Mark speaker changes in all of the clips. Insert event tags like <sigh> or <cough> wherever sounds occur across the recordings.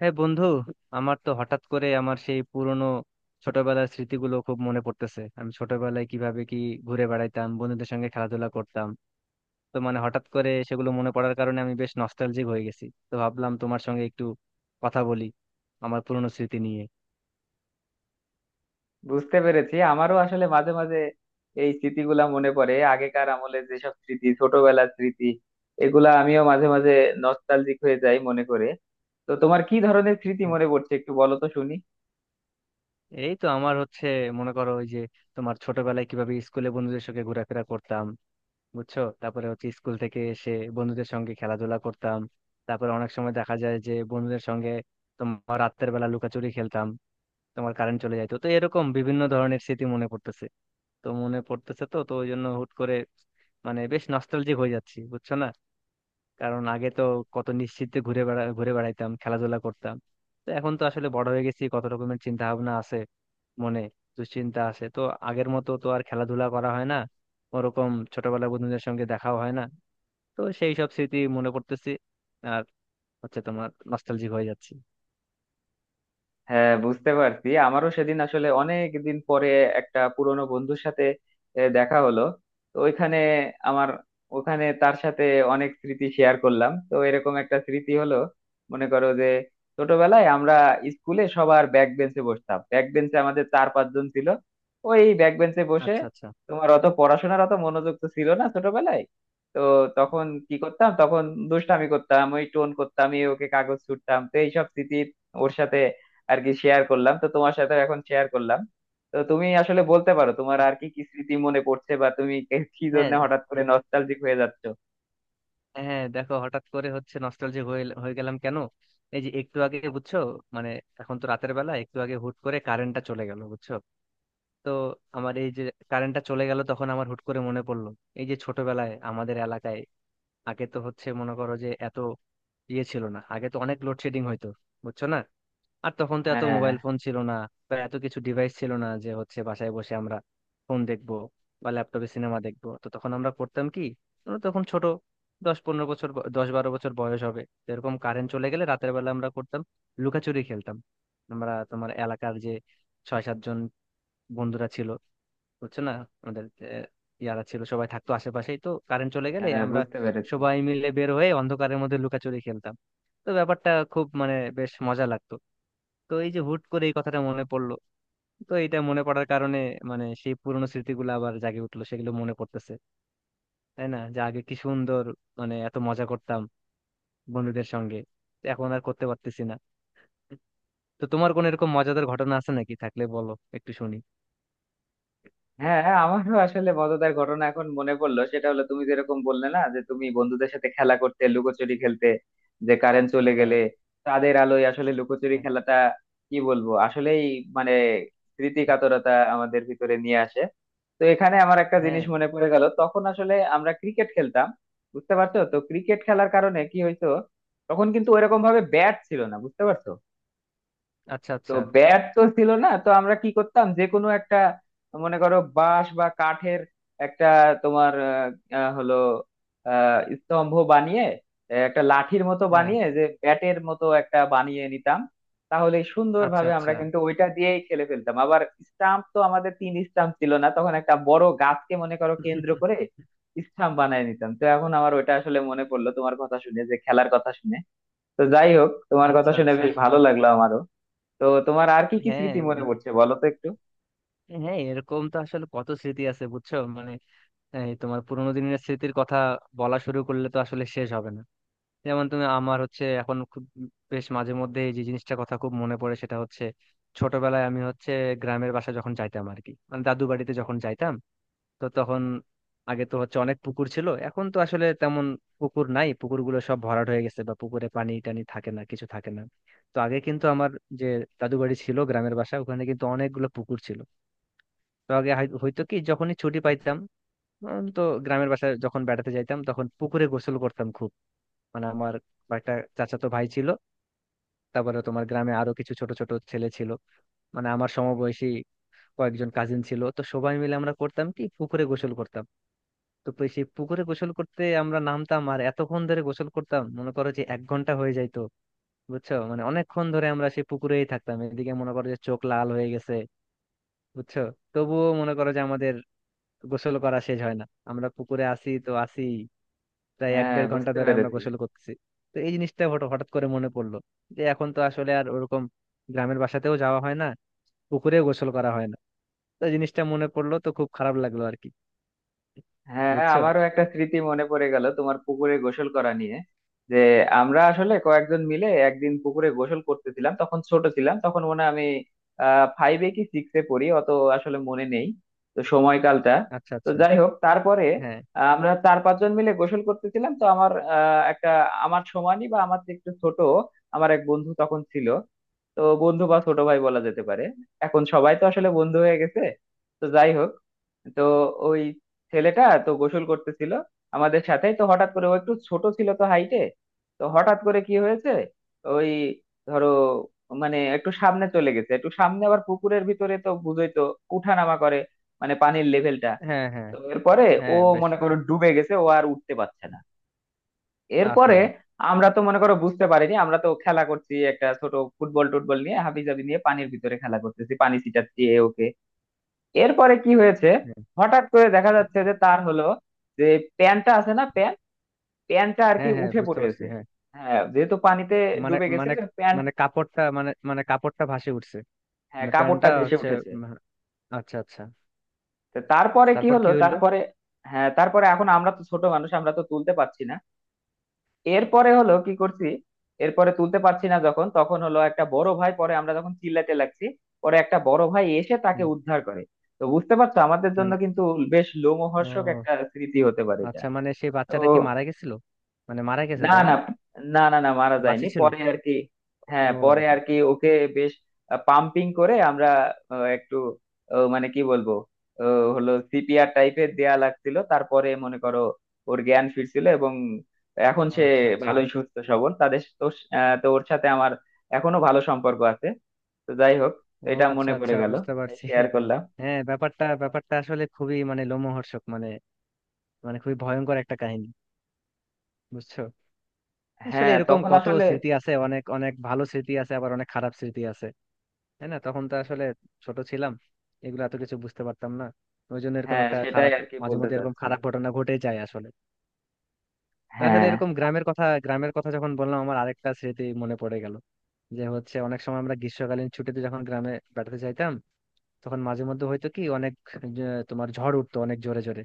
Speaker 1: হ্যাঁ বন্ধু। আমার তো হঠাৎ করে আমার সেই পুরনো ছোটবেলার স্মৃতিগুলো খুব মনে পড়তেছে। আমি ছোটবেলায় কিভাবে কি ঘুরে বেড়াইতাম বন্ধুদের সঙ্গে, খেলাধুলা করতাম। তো মানে হঠাৎ করে সেগুলো মনে পড়ার কারণে আমি বেশ নস্টালজিক হয়ে গেছি। তো ভাবলাম তোমার সঙ্গে একটু কথা বলি আমার পুরনো স্মৃতি নিয়ে।
Speaker 2: বুঝতে পেরেছি। আমারও আসলে মাঝে মাঝে এই স্মৃতিগুলা মনে পড়ে, আগেকার আমলে যেসব স্মৃতি, ছোটবেলার স্মৃতি, এগুলা আমিও মাঝে মাঝে নস্টালজিক হয়ে যাই মনে করে। তো তোমার কি ধরনের স্মৃতি
Speaker 1: হ্যাঁ,
Speaker 2: মনে পড়ছে একটু বলো তো শুনি।
Speaker 1: এই তো আমার হচ্ছে, মনে করো ওই যে তোমার ছোটবেলায় কিভাবে স্কুলে বন্ধুদের সঙ্গে ঘোরাফেরা করতাম, বুঝছো, তারপরে হচ্ছে স্কুল থেকে এসে বন্ধুদের সঙ্গে খেলাধুলা করতাম। তারপরে অনেক সময় দেখা যায় যে বন্ধুদের সঙ্গে তোমার রাতের বেলা লুকাচুরি খেলতাম, তোমার কারেন্ট চলে যাইতো। তো এরকম বিভিন্ন ধরনের স্মৃতি মনে পড়তেছে। তো মনে পড়তেছে তো তো ওই জন্য হুট করে মানে বেশ নস্টালজিক হয়ে যাচ্ছি, বুঝছো না। কারণ আগে তো কত নিশ্চিন্তে ঘুরে বেড়াইতাম, খেলাধুলা করতাম। তো এখন তো আসলে বড় হয়ে গেছি, কত রকমের চিন্তা ভাবনা আছে মনে, দুশ্চিন্তা আছে। তো আগের মতো তো আর খেলাধুলা করা হয় না, ওরকম ছোটবেলার বন্ধুদের সঙ্গে দেখাও হয় না। তো সেই সব স্মৃতি মনে করতেছি, আর হচ্ছে তোমার নস্টালজিক হয়ে যাচ্ছি।
Speaker 2: হ্যাঁ বুঝতে পারছি, আমারও সেদিন আসলে অনেক দিন পরে একটা পুরনো বন্ধুর সাথে দেখা হলো। তো ওইখানে আমার, ওখানে তার সাথে অনেক স্মৃতি শেয়ার করলাম। তো এরকম একটা স্মৃতি হলো মনে করো যে, ছোটবেলায় আমরা স্কুলে সবার ব্যাক বেঞ্চে বসতাম, ব্যাক বেঞ্চে আমাদের চার পাঁচজন ছিল। ওই ব্যাক বেঞ্চে বসে
Speaker 1: আচ্ছা আচ্ছা।
Speaker 2: তোমার অত পড়াশোনার, অত মনোযোগ তো ছিল না ছোটবেলায়। তো তখন কি করতাম? তখন দুষ্টামি করতাম, ওই টোন করতাম, এই ওকে কাগজ ছুঁড়তাম। তো এইসব স্মৃতি ওর সাথে আর কি শেয়ার করলাম, তো তোমার সাথে এখন শেয়ার করলাম। তো তুমি আসলে বলতে পারো, তোমার আর কি কি স্মৃতি মনে পড়ছে, বা তুমি কি
Speaker 1: হ্যাঁ।
Speaker 2: জন্য হঠাৎ
Speaker 1: হ্যাঁ।
Speaker 2: করে নস্টালজিক হয়ে যাচ্ছো।
Speaker 1: হ্যাঁ, দেখো হঠাৎ করে হচ্ছে নস্টালজিক হয়ে হয়ে গেলাম কেন? এই যে একটু আগে, বুঝছো, মানে এখন তো রাতের বেলা একটু আগে হুট করে কারেন্টটা চলে গেল, বুঝছো। তো আমার এই যে কারেন্টটা চলে গেল তখন আমার হুট করে মনে পড়লো এই যে ছোটবেলায় আমাদের এলাকায় আগে তো হচ্ছে মনে করো যে এত ইয়ে ছিল না, আগে তো অনেক লোডশেডিং হইতো, বুঝছো না। আর তখন তো এত
Speaker 2: হ্যাঁ
Speaker 1: মোবাইল ফোন ছিল না বা এত কিছু ডিভাইস ছিল না যে হচ্ছে বাসায় বসে আমরা ফোন দেখবো বা ল্যাপটপে সিনেমা দেখবো। তো তখন আমরা করতাম কি, আমরা তখন ছোট, 10-15 বছর 10-12 বছর বয়স হবে। তো এরকম কারেন্ট চলে গেলে রাতের বেলা আমরা করতাম লুকাচুরি খেলতাম। আমরা তোমার এলাকার যে 6-7 জন বন্ধুরা ছিল, বুঝছো না, আমাদের আহ, ইয়ারা ছিল, সবাই থাকতো আশেপাশেই। তো কারেন্ট চলে গেলে
Speaker 2: হ্যাঁ
Speaker 1: আমরা
Speaker 2: বুঝতে পেরেছি।
Speaker 1: সবাই মিলে বের হয়ে অন্ধকারের মধ্যে লুকাচুরি খেলতাম। তো ব্যাপারটা খুব মানে বেশ মজা লাগতো। তো এই যে হুট করে এই কথাটা মনে পড়লো, তো এটা মনে পড়ার কারণে মানে সেই পুরোনো স্মৃতিগুলো আবার জাগে উঠলো, সেগুলো মনে পড়তেছে, তাই না, যে আগে কি সুন্দর মানে এত মজা করতাম বন্ধুদের সঙ্গে, তো এখন আর করতে পারতেছি না। তো তোমার কোন এরকম মজাদার ঘটনা আছে নাকি? থাকলে বলো একটু শুনি।
Speaker 2: হ্যাঁ হ্যাঁ, আমারও আসলে মজাদার ঘটনা এখন মনে পড়লো। সেটা হলো তুমি যেরকম বললে না, যে তুমি বন্ধুদের সাথে খেলা করতে, লুকোচুরি খেলতে, যে কারেন্ট চলে
Speaker 1: হ্যাঁ।
Speaker 2: গেলে তাদের আলোয় আসলে লুকোচুরি
Speaker 1: হ্যাঁ।
Speaker 2: খেলাটা কি বলবো আসলেই, মানে স্মৃতি কাতরতা আমাদের ভিতরে নিয়ে আসে। তো এখানে আমার একটা জিনিস
Speaker 1: হ্যাঁ।
Speaker 2: মনে পড়ে গেল, তখন আসলে আমরা ক্রিকেট খেলতাম। বুঝতে পারছো, তো ক্রিকেট খেলার কারণে কি হইতো, তখন কিন্তু ওইরকম ভাবে ব্যাট ছিল না, বুঝতে পারছো।
Speaker 1: আচ্ছা
Speaker 2: তো
Speaker 1: আচ্ছা।
Speaker 2: ব্যাট তো ছিল না, তো আমরা কি করতাম, যে কোনো একটা মনে করো বাঁশ বা কাঠের একটা তোমার হলো স্তম্ভ বানিয়ে, একটা লাঠির মতো
Speaker 1: হ্যাঁ।
Speaker 2: বানিয়ে, যে ব্যাটের মতো একটা বানিয়ে নিতাম। তাহলে
Speaker 1: আচ্ছা
Speaker 2: সুন্দরভাবে আমরা
Speaker 1: আচ্ছা।
Speaker 2: কিন্তু ওইটা দিয়েই খেলে ফেলতাম আবার। স্টাম্প তো আমাদের তিন স্টাম্প ছিল না তখন, একটা বড় গাছকে মনে করো কেন্দ্র করে স্টাম্প বানিয়ে নিতাম। তো এখন আমার ওইটা আসলে মনে পড়লো তোমার কথা শুনে, যে খেলার কথা শুনে। তো যাই হোক, তোমার কথা
Speaker 1: আচ্ছা
Speaker 2: শুনে
Speaker 1: আচ্ছা।
Speaker 2: বেশ ভালো লাগলো আমারও। তো তোমার আর কি কি
Speaker 1: হ্যাঁ
Speaker 2: স্মৃতি মনে পড়ছে বলো তো একটু।
Speaker 1: হ্যাঁ, এরকম তো আসলে কত স্মৃতি আছে, বুঝছো মানে। এই তোমার পুরোনো দিনের স্মৃতির কথা বলা শুরু করলে তো আসলে শেষ হবে না। যেমন তুমি, আমার হচ্ছে এখন খুব বেশ মাঝে মধ্যে এই যে জিনিসটা কথা খুব মনে পড়ে সেটা হচ্ছে ছোটবেলায় আমি হচ্ছে গ্রামের বাসা যখন যাইতাম আর কি, মানে দাদু বাড়িতে যখন যাইতাম। তো তখন আগে তো হচ্ছে অনেক পুকুর ছিল, এখন তো আসলে তেমন পুকুর নাই, পুকুরগুলো সব ভরাট হয়ে গেছে বা পুকুরে পানি টানি থাকে না, কিছু থাকে না। তো আগে কিন্তু আমার যে দাদু বাড়ি ছিল গ্রামের বাসা, ওখানে কিন্তু অনেকগুলো পুকুর ছিল। তো আগে হয়তো কি যখনই ছুটি পাইতাম তো গ্রামের বাসায় যখন বেড়াতে যাইতাম তখন পুকুরে গোসল করতাম খুব। মানে আমার কয়েকটা চাচাতো ভাই ছিল, তারপরে তোমার গ্রামে আরো কিছু ছোট ছোট ছেলে ছিল, মানে আমার সমবয়সী কয়েকজন কাজিন ছিল। তো সবাই মিলে আমরা করতাম কি পুকুরে গোসল করতাম। তো সেই পুকুরে গোসল করতে আমরা নামতাম আর এতক্ষণ ধরে গোসল করতাম, মনে করো যে 1 ঘন্টা হয়ে যাইতো, বুঝছো, মানে অনেকক্ষণ ধরে আমরা সেই পুকুরেই থাকতাম, এদিকে মনে করো যে চোখ লাল হয়ে গেছে, বুঝছো। তবুও মনে করো যে আমাদের গোসল করা শেষ হয় না, আমরা পুকুরে আসি তো আসি, প্রায় এক
Speaker 2: হ্যাঁ
Speaker 1: দেড় ঘন্টা
Speaker 2: বুঝতে
Speaker 1: ধরে আমরা
Speaker 2: পেরেছি।
Speaker 1: গোসল করতেছি। তো এই জিনিসটা হঠাৎ হঠাৎ করে মনে পড়লো যে এখন তো আসলে আর ওরকম গ্রামের বাসাতেও যাওয়া হয় না, পুকুরেও গোসল করা হয় না। তো এই জিনিসটা মনে পড়লো তো খুব খারাপ লাগলো আর কি,
Speaker 2: হ্যাঁ
Speaker 1: বুঝছো।
Speaker 2: আমারও একটা স্মৃতি মনে পড়ে গেল তোমার পুকুরে গোসল করা নিয়ে। যে আমরা আসলে কয়েকজন মিলে একদিন পুকুরে গোসল করতেছিলাম। তখন ছোট ছিলাম, তখন মনে হয় আমি ফাইভে কি সিক্সে পড়ি, অত আসলে মনে নেই তো সময়কালটা।
Speaker 1: আচ্ছা
Speaker 2: তো
Speaker 1: আচ্ছা।
Speaker 2: যাই হোক তারপরে
Speaker 1: হ্যাঁ।
Speaker 2: আমরা চার পাঁচজন মিলে গোসল করতেছিলাম। তো আমার একটা, আমার সমানই বা আমার থেকে একটু ছোট আমার এক বন্ধু তখন ছিল। তো বন্ধু বা ছোট ভাই বলা যেতে পারে, এখন সবাই তো আসলে বন্ধু হয়ে গেছে। তো যাই হোক, তো ওই ছেলেটা তো গোসল করতেছিল আমাদের সাথেই। তো হঠাৎ করে ও একটু ছোট ছিল তো হাইটে। তো হঠাৎ করে কি হয়েছে, ওই ধরো মানে একটু সামনে চলে গেছে, একটু সামনে আবার পুকুরের ভিতরে তো বুঝোই তো উঠানামা করে মানে পানির লেভেলটা।
Speaker 1: হ্যাঁ। হ্যাঁ।
Speaker 2: তো এরপরে ও
Speaker 1: হ্যাঁ বেশ।
Speaker 2: মনে করো ডুবে গেছে, ও আর উঠতে পারছে না। এরপরে
Speaker 1: আহা।
Speaker 2: আমরা তো মনে করো বুঝতে পারিনি, আমরা তো খেলা করছি একটা ছোট ফুটবল টুটবল নিয়ে হাবিজাবি নিয়ে, পানির ভিতরে খেলা করতেছি, পানি ছিটাচ্ছি এ ওকে। এরপরে কি হয়েছে,
Speaker 1: হ্যাঁ।
Speaker 2: হঠাৎ করে দেখা যাচ্ছে যে তার হলো যে, প্যান্টটা আছে না, প্যান্ট, প্যান্টটা আর কি
Speaker 1: হ্যাঁ। হ্যাঁ
Speaker 2: উঠে
Speaker 1: বুঝতে পারছি,
Speaker 2: পড়েছে।
Speaker 1: হ্যাঁ।
Speaker 2: হ্যাঁ যেহেতু পানিতে
Speaker 1: মানে
Speaker 2: ডুবে গেছে,
Speaker 1: মানে
Speaker 2: প্যান্ট,
Speaker 1: মানে কাপড়টা মানে মানে কাপড়টা ভাসে উঠছে।
Speaker 2: হ্যাঁ
Speaker 1: মানে প্যান্টটা
Speaker 2: কাপড়টা ভেসে
Speaker 1: হচ্ছে
Speaker 2: উঠেছে।
Speaker 1: উম, আচ্ছা আচ্ছা।
Speaker 2: তো তারপরে কি
Speaker 1: তারপর
Speaker 2: হলো
Speaker 1: কি হইলো?
Speaker 2: তারপরে? হ্যাঁ তারপরে, এখন আমরা তো ছোট মানুষ, আমরা তো তুলতে পারছি না। এরপরে হলো কি করছি, এরপরে তুলতে পারছি না যখন, তখন হলো একটা বড় ভাই, পরে আমরা যখন চিল্লাতে লাগছি, পরে একটা বড় ভাই এসে তাকে
Speaker 1: হুম।
Speaker 2: উদ্ধার করে। তো বুঝতে পারছো, আমাদের জন্য
Speaker 1: মানে,
Speaker 2: কিন্তু বেশ লোমহর্ষক
Speaker 1: ও
Speaker 2: একটা স্মৃতি হতে পারে এটা।
Speaker 1: আচ্ছা, মানে সেই
Speaker 2: তো
Speaker 1: বাচ্চাটা কি মারা গেছিল, মানে মারা গেছে
Speaker 2: না
Speaker 1: তাই না?
Speaker 2: না, না না না মারা যায়নি
Speaker 1: বাঁচি ছিল?
Speaker 2: পরে আর কি। হ্যাঁ পরে
Speaker 1: ও
Speaker 2: আর কি ওকে বেশ পাম্পিং করে আমরা, একটু মানে কি বলবো, আহ, হলো সিপিআর টাইপের দেয়া লাগছিল। তারপরে মনে করো ওর জ্ঞান ফিরছিল এবং এখন সে
Speaker 1: আচ্ছা আচ্ছা।
Speaker 2: ভালোই সুস্থ সবল তাদের তো। তো ওর সাথে আমার এখনো ভালো সম্পর্ক আছে। তো যাই হোক,
Speaker 1: ও
Speaker 2: এটা
Speaker 1: আচ্ছা
Speaker 2: মনে পড়ে
Speaker 1: আচ্ছা,
Speaker 2: গেল,
Speaker 1: বুঝতে
Speaker 2: তাই
Speaker 1: পারছি।
Speaker 2: শেয়ার করলাম।
Speaker 1: হ্যাঁ, ব্যাপারটা ব্যাপারটা আসলে খুবই মানে লোমহর্ষক, মানে মানে খুবই ভয়ঙ্কর একটা কাহিনী, বুঝছো। আসলে
Speaker 2: হ্যাঁ
Speaker 1: এরকম
Speaker 2: তখন
Speaker 1: কত
Speaker 2: আসলে।
Speaker 1: স্মৃতি আছে, অনেক অনেক ভালো স্মৃতি আছে, আবার অনেক খারাপ স্মৃতি আছে, তাই না? তখন তো আসলে ছোট ছিলাম, এগুলো এত কিছু বুঝতে পারতাম না, ওই জন্য এরকম
Speaker 2: হ্যাঁ
Speaker 1: একটা
Speaker 2: সেটাই
Speaker 1: খারাপ,
Speaker 2: আর কি
Speaker 1: মাঝে
Speaker 2: বলতে
Speaker 1: মধ্যে এরকম
Speaker 2: চাচ্ছি।
Speaker 1: খারাপ ঘটনা ঘটে যায় আসলে। তো আসলে
Speaker 2: হ্যাঁ
Speaker 1: এরকম গ্রামের কথা যখন বললাম, আমার আরেকটা স্মৃতি মনে পড়ে গেল। যে হচ্ছে অনেক সময় আমরা গ্রীষ্মকালীন ছুটিতে যখন গ্রামে বেড়াতে যাইতাম তখন মাঝে মধ্যে হয়তো কি অনেক, যে তোমার ঝড় উঠতো অনেক জোরে জোরে,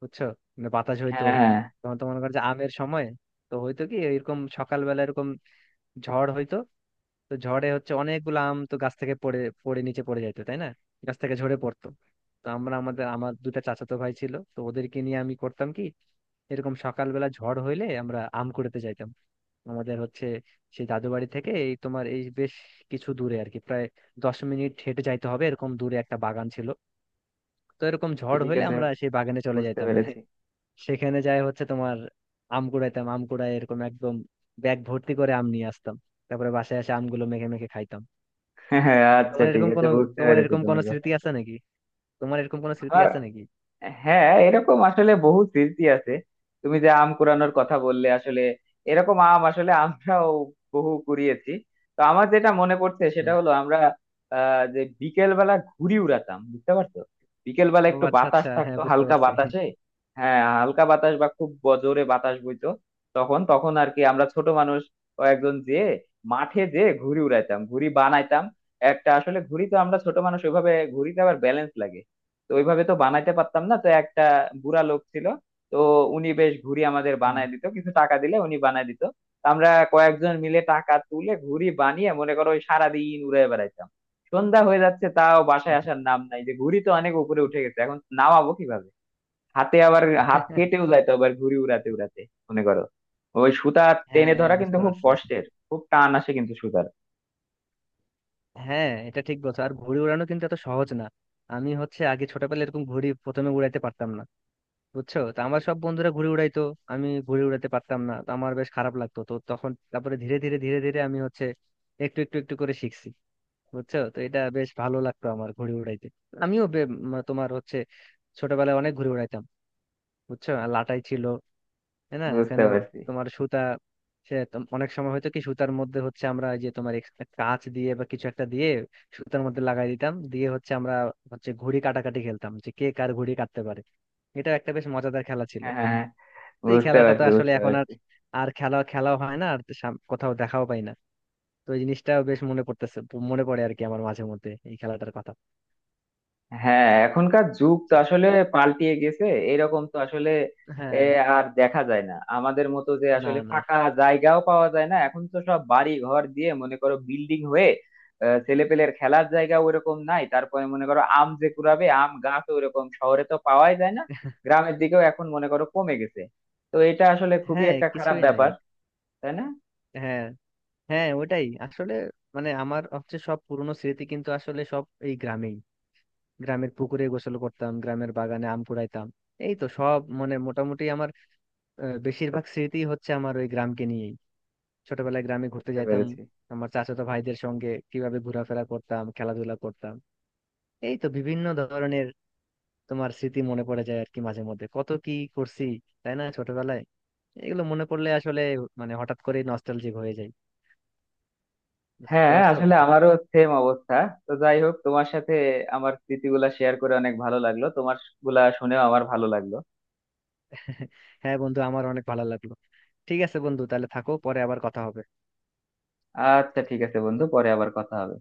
Speaker 1: বুঝছো, মানে বাতাস হইতো।
Speaker 2: হ্যাঁ হ্যাঁ
Speaker 1: তখন তো মনে করো যে আমের সময়, তো হয়তো কি এরকম সকালবেলা এরকম ঝড় হইতো। তো ঝড়ে হচ্ছে অনেকগুলো আম তো গাছ থেকে পড়ে পড়ে নিচে পড়ে যাইতো, তাই না, গাছ থেকে ঝরে পড়তো। তো আমরা, আমাদের আমার দুটা চাচাতো ভাই ছিল, তো ওদেরকে নিয়ে আমি করতাম কি এরকম সকালবেলা ঝড় হইলে আমরা আম কুড়াতে যাইতাম। আমাদের হচ্ছে সেই দাদু বাড়ি থেকে এই তোমার এই বেশ কিছু দূরে আর কি, প্রায় 10 মিনিট হেঁটে যাইতে হবে এরকম দূরে একটা বাগান ছিল। তো এরকম ঝড়
Speaker 2: ঠিক
Speaker 1: হলে
Speaker 2: আছে
Speaker 1: আমরা সেই বাগানে চলে
Speaker 2: বুঝতে
Speaker 1: যাইতাম। <laughs>
Speaker 2: পেরেছি।
Speaker 1: সেখানে যাই হচ্ছে তোমার আম কুড়াইতাম, আম কুড়াই এরকম একদম ব্যাগ ভর্তি করে আম নিয়ে আসতাম। তারপরে বাসায় এসে আমগুলো মেখে মেখে খাইতাম।
Speaker 2: হ্যাঁ হ্যাঁ আচ্ছা
Speaker 1: তোমার
Speaker 2: ঠিক
Speaker 1: এরকম
Speaker 2: আছে
Speaker 1: কোনো,
Speaker 2: বুঝতে
Speaker 1: তোমার
Speaker 2: পেরেছি
Speaker 1: এরকম
Speaker 2: তোমার
Speaker 1: কোনো
Speaker 2: কথা।
Speaker 1: স্মৃতি আছে নাকি? তোমার এরকম কোনো স্মৃতি
Speaker 2: আর
Speaker 1: আছে নাকি?
Speaker 2: হ্যাঁ এরকম আসলে বহু স্মৃতি আছে। তুমি যে আম কুড়ানোর কথা বললে, আসলে এরকম আম আসলে আমরাও বহু কুড়িয়েছি। তো আমার যেটা মনে পড়ছে সেটা
Speaker 1: হ্যাঁ।
Speaker 2: হলো আমরা যে বিকেল বেলা ঘুড়ি উড়াতাম বুঝতে পারছো। বিকেল বেলা
Speaker 1: ও
Speaker 2: একটু
Speaker 1: আচ্ছা
Speaker 2: বাতাস
Speaker 1: আচ্ছা, হ্যাঁ
Speaker 2: থাকতো,
Speaker 1: বুঝতে
Speaker 2: হালকা
Speaker 1: পারছি।
Speaker 2: বাতাসে। হ্যাঁ হালকা বাতাস বা খুব জোরে বাতাস বইতো তখন তখন আর কি আমরা ছোট মানুষ কয়েকজন যেয়ে মাঠে যেয়ে ঘুড়ি উড়াইতাম, ঘুড়ি বানাইতাম। একটা আসলে ঘুড়ি তো, আমরা ছোট মানুষ, ওইভাবে ঘুড়িতে আবার ব্যালেন্স লাগে, তো ওইভাবে তো বানাইতে পারতাম না। তো একটা বুড়া লোক ছিল, তো উনি বেশ ঘুড়ি আমাদের
Speaker 1: হুম।
Speaker 2: বানায় দিত, কিছু টাকা দিলে উনি বানায় দিত। তো আমরা কয়েকজন মিলে টাকা তুলে ঘুড়ি বানিয়ে মনে করো ওই সারাদিন উড়ে বেড়াইতাম। সন্ধ্যা হয়ে যাচ্ছে তাও বাসায় আসার নাম নাই, যে ঘুড়ি তো অনেক উপরে উঠে গেছে, এখন নামাবো কিভাবে। হাতে আবার, হাত
Speaker 1: <laughs>
Speaker 2: কেটেও যাইতো আবার ঘুড়ি উড়াতে উড়াতে, মনে করো ওই সুতা টেনে
Speaker 1: হ্যাঁ
Speaker 2: ধরা কিন্তু
Speaker 1: বুঝতে
Speaker 2: খুব
Speaker 1: পারছি।
Speaker 2: কষ্টের, খুব টান আসে কিন্তু সুতার।
Speaker 1: হ্যাঁ এটা ঠিক বলছো, আর ঘুড়ি উড়ানো কিন্তু এত সহজ না। আমি হচ্ছে আগে ছোটবেলায় এরকম ঘুড়ি প্রথমে উড়াইতে পারতাম না, বুঝছো। তো আমার সব বন্ধুরা ঘুড়ি উড়াইতো, আমি ঘুড়ি উড়াতে পারতাম না, তো আমার বেশ খারাপ লাগতো। তো তখন তারপরে ধীরে ধীরে আমি হচ্ছে একটু একটু একটু করে শিখছি, বুঝছো। তো এটা বেশ ভালো লাগতো আমার ঘুড়ি উড়াইতে। আমিও তোমার হচ্ছে ছোটবেলায় অনেক ঘুড়ি উড়াইতাম, বুঝছো। আর লাটাই ছিল, তাই না,
Speaker 2: বুঝতে
Speaker 1: ওখানে
Speaker 2: পারছি।
Speaker 1: তোমার সুতা। সে তো অনেক সময় হয়তো কি সুতার মধ্যে হচ্ছে আমরা এই যে তোমার কাঁচ দিয়ে বা কিছু একটা দিয়ে সুতার মধ্যে লাগাই দিতাম, দিয়ে হচ্ছে আমরা হচ্ছে ঘুড়ি কাটাকাটি খেলতাম, যে কে কার ঘুড়ি কাটতে পারে। এটা একটা বেশ মজাদার খেলা ছিল।
Speaker 2: হ্যাঁ হ্যাঁ, হ্যাঁ,
Speaker 1: তো এই
Speaker 2: বুঝতে
Speaker 1: খেলাটা তো
Speaker 2: পারছি
Speaker 1: আসলে
Speaker 2: বুঝতে
Speaker 1: এখন আর
Speaker 2: পারছি।
Speaker 1: আর খেলাও হয় না, আর কোথাও দেখাও পাই না। তো এই জিনিসটাও বেশ মনে পড়তেছে, মনে পড়ে আর কি আমার মাঝে মধ্যে এই খেলাটার কথা।
Speaker 2: হ্যাঁ এখনকার যুগ তো
Speaker 1: So,
Speaker 2: আসলে পাল্টিয়ে গেছে। এরকম তো আসলে এ,
Speaker 1: হ্যাঁ।
Speaker 2: আর দেখা যায় না আমাদের মতো, যে
Speaker 1: না,
Speaker 2: আসলে
Speaker 1: না।
Speaker 2: ফাঁকা জায়গাও পাওয়া যায় না, এখন তো সব বাড়ি ঘর দিয়ে মনে করো বিল্ডিং হয়ে, ছেলেপেলের খেলার জায়গা ওরকম নাই। তারপরে মনে করো আম যে কুড়াবে, আম গাছ ওরকম শহরে তো পাওয়াই যায় না, গ্রামের দিকেও এখন মনে করো কমে গেছে। তো এটা আসলে খুবই
Speaker 1: হ্যাঁ,
Speaker 2: একটা খারাপ
Speaker 1: কিছুই নাই।
Speaker 2: ব্যাপার, তাই না।
Speaker 1: হ্যাঁ। হ্যাঁ, ওটাই আসলে, মানে আমার হচ্ছে সব পুরনো স্মৃতি কিন্তু আসলে সব এই গ্রামেই। গ্রামের পুকুরে গোসল করতাম, গ্রামের বাগানে আম কুড়াইতাম। এই তো সব মানে মোটামুটি আমার বেশিরভাগ স্মৃতি হচ্ছে আমার ওই গ্রামকে নিয়ে, ছোটবেলায় গ্রামে ঘুরতে
Speaker 2: বুঝতে
Speaker 1: যাইতাম,
Speaker 2: পেরেছি।
Speaker 1: আমার চাচাতো ভাইদের সঙ্গে কিভাবে ঘোরাফেরা করতাম, খেলাধুলা করতাম। এই তো বিভিন্ন ধরনের তোমার স্মৃতি মনে পড়ে যায় আর কি, মাঝে মধ্যে কত কি করছি, তাই না, ছোটবেলায়। এগুলো মনে পড়লে আসলে মানে হঠাৎ করে নস্টালজিক হয়ে যায়, বুঝতে
Speaker 2: হ্যাঁ
Speaker 1: পারছো?
Speaker 2: আসলে আমারও সেম অবস্থা। তো যাই হোক তোমার সাথে আমার স্মৃতিগুলা শেয়ার করে অনেক ভালো লাগলো, তোমার গুলা শুনেও আমার ভালো লাগলো।
Speaker 1: <laughs> হ্যাঁ বন্ধু, আমার অনেক ভালো লাগলো। ঠিক আছে বন্ধু, তাহলে থাকো, পরে আবার কথা হবে।
Speaker 2: আচ্ছা ঠিক আছে বন্ধু, পরে আবার কথা হবে।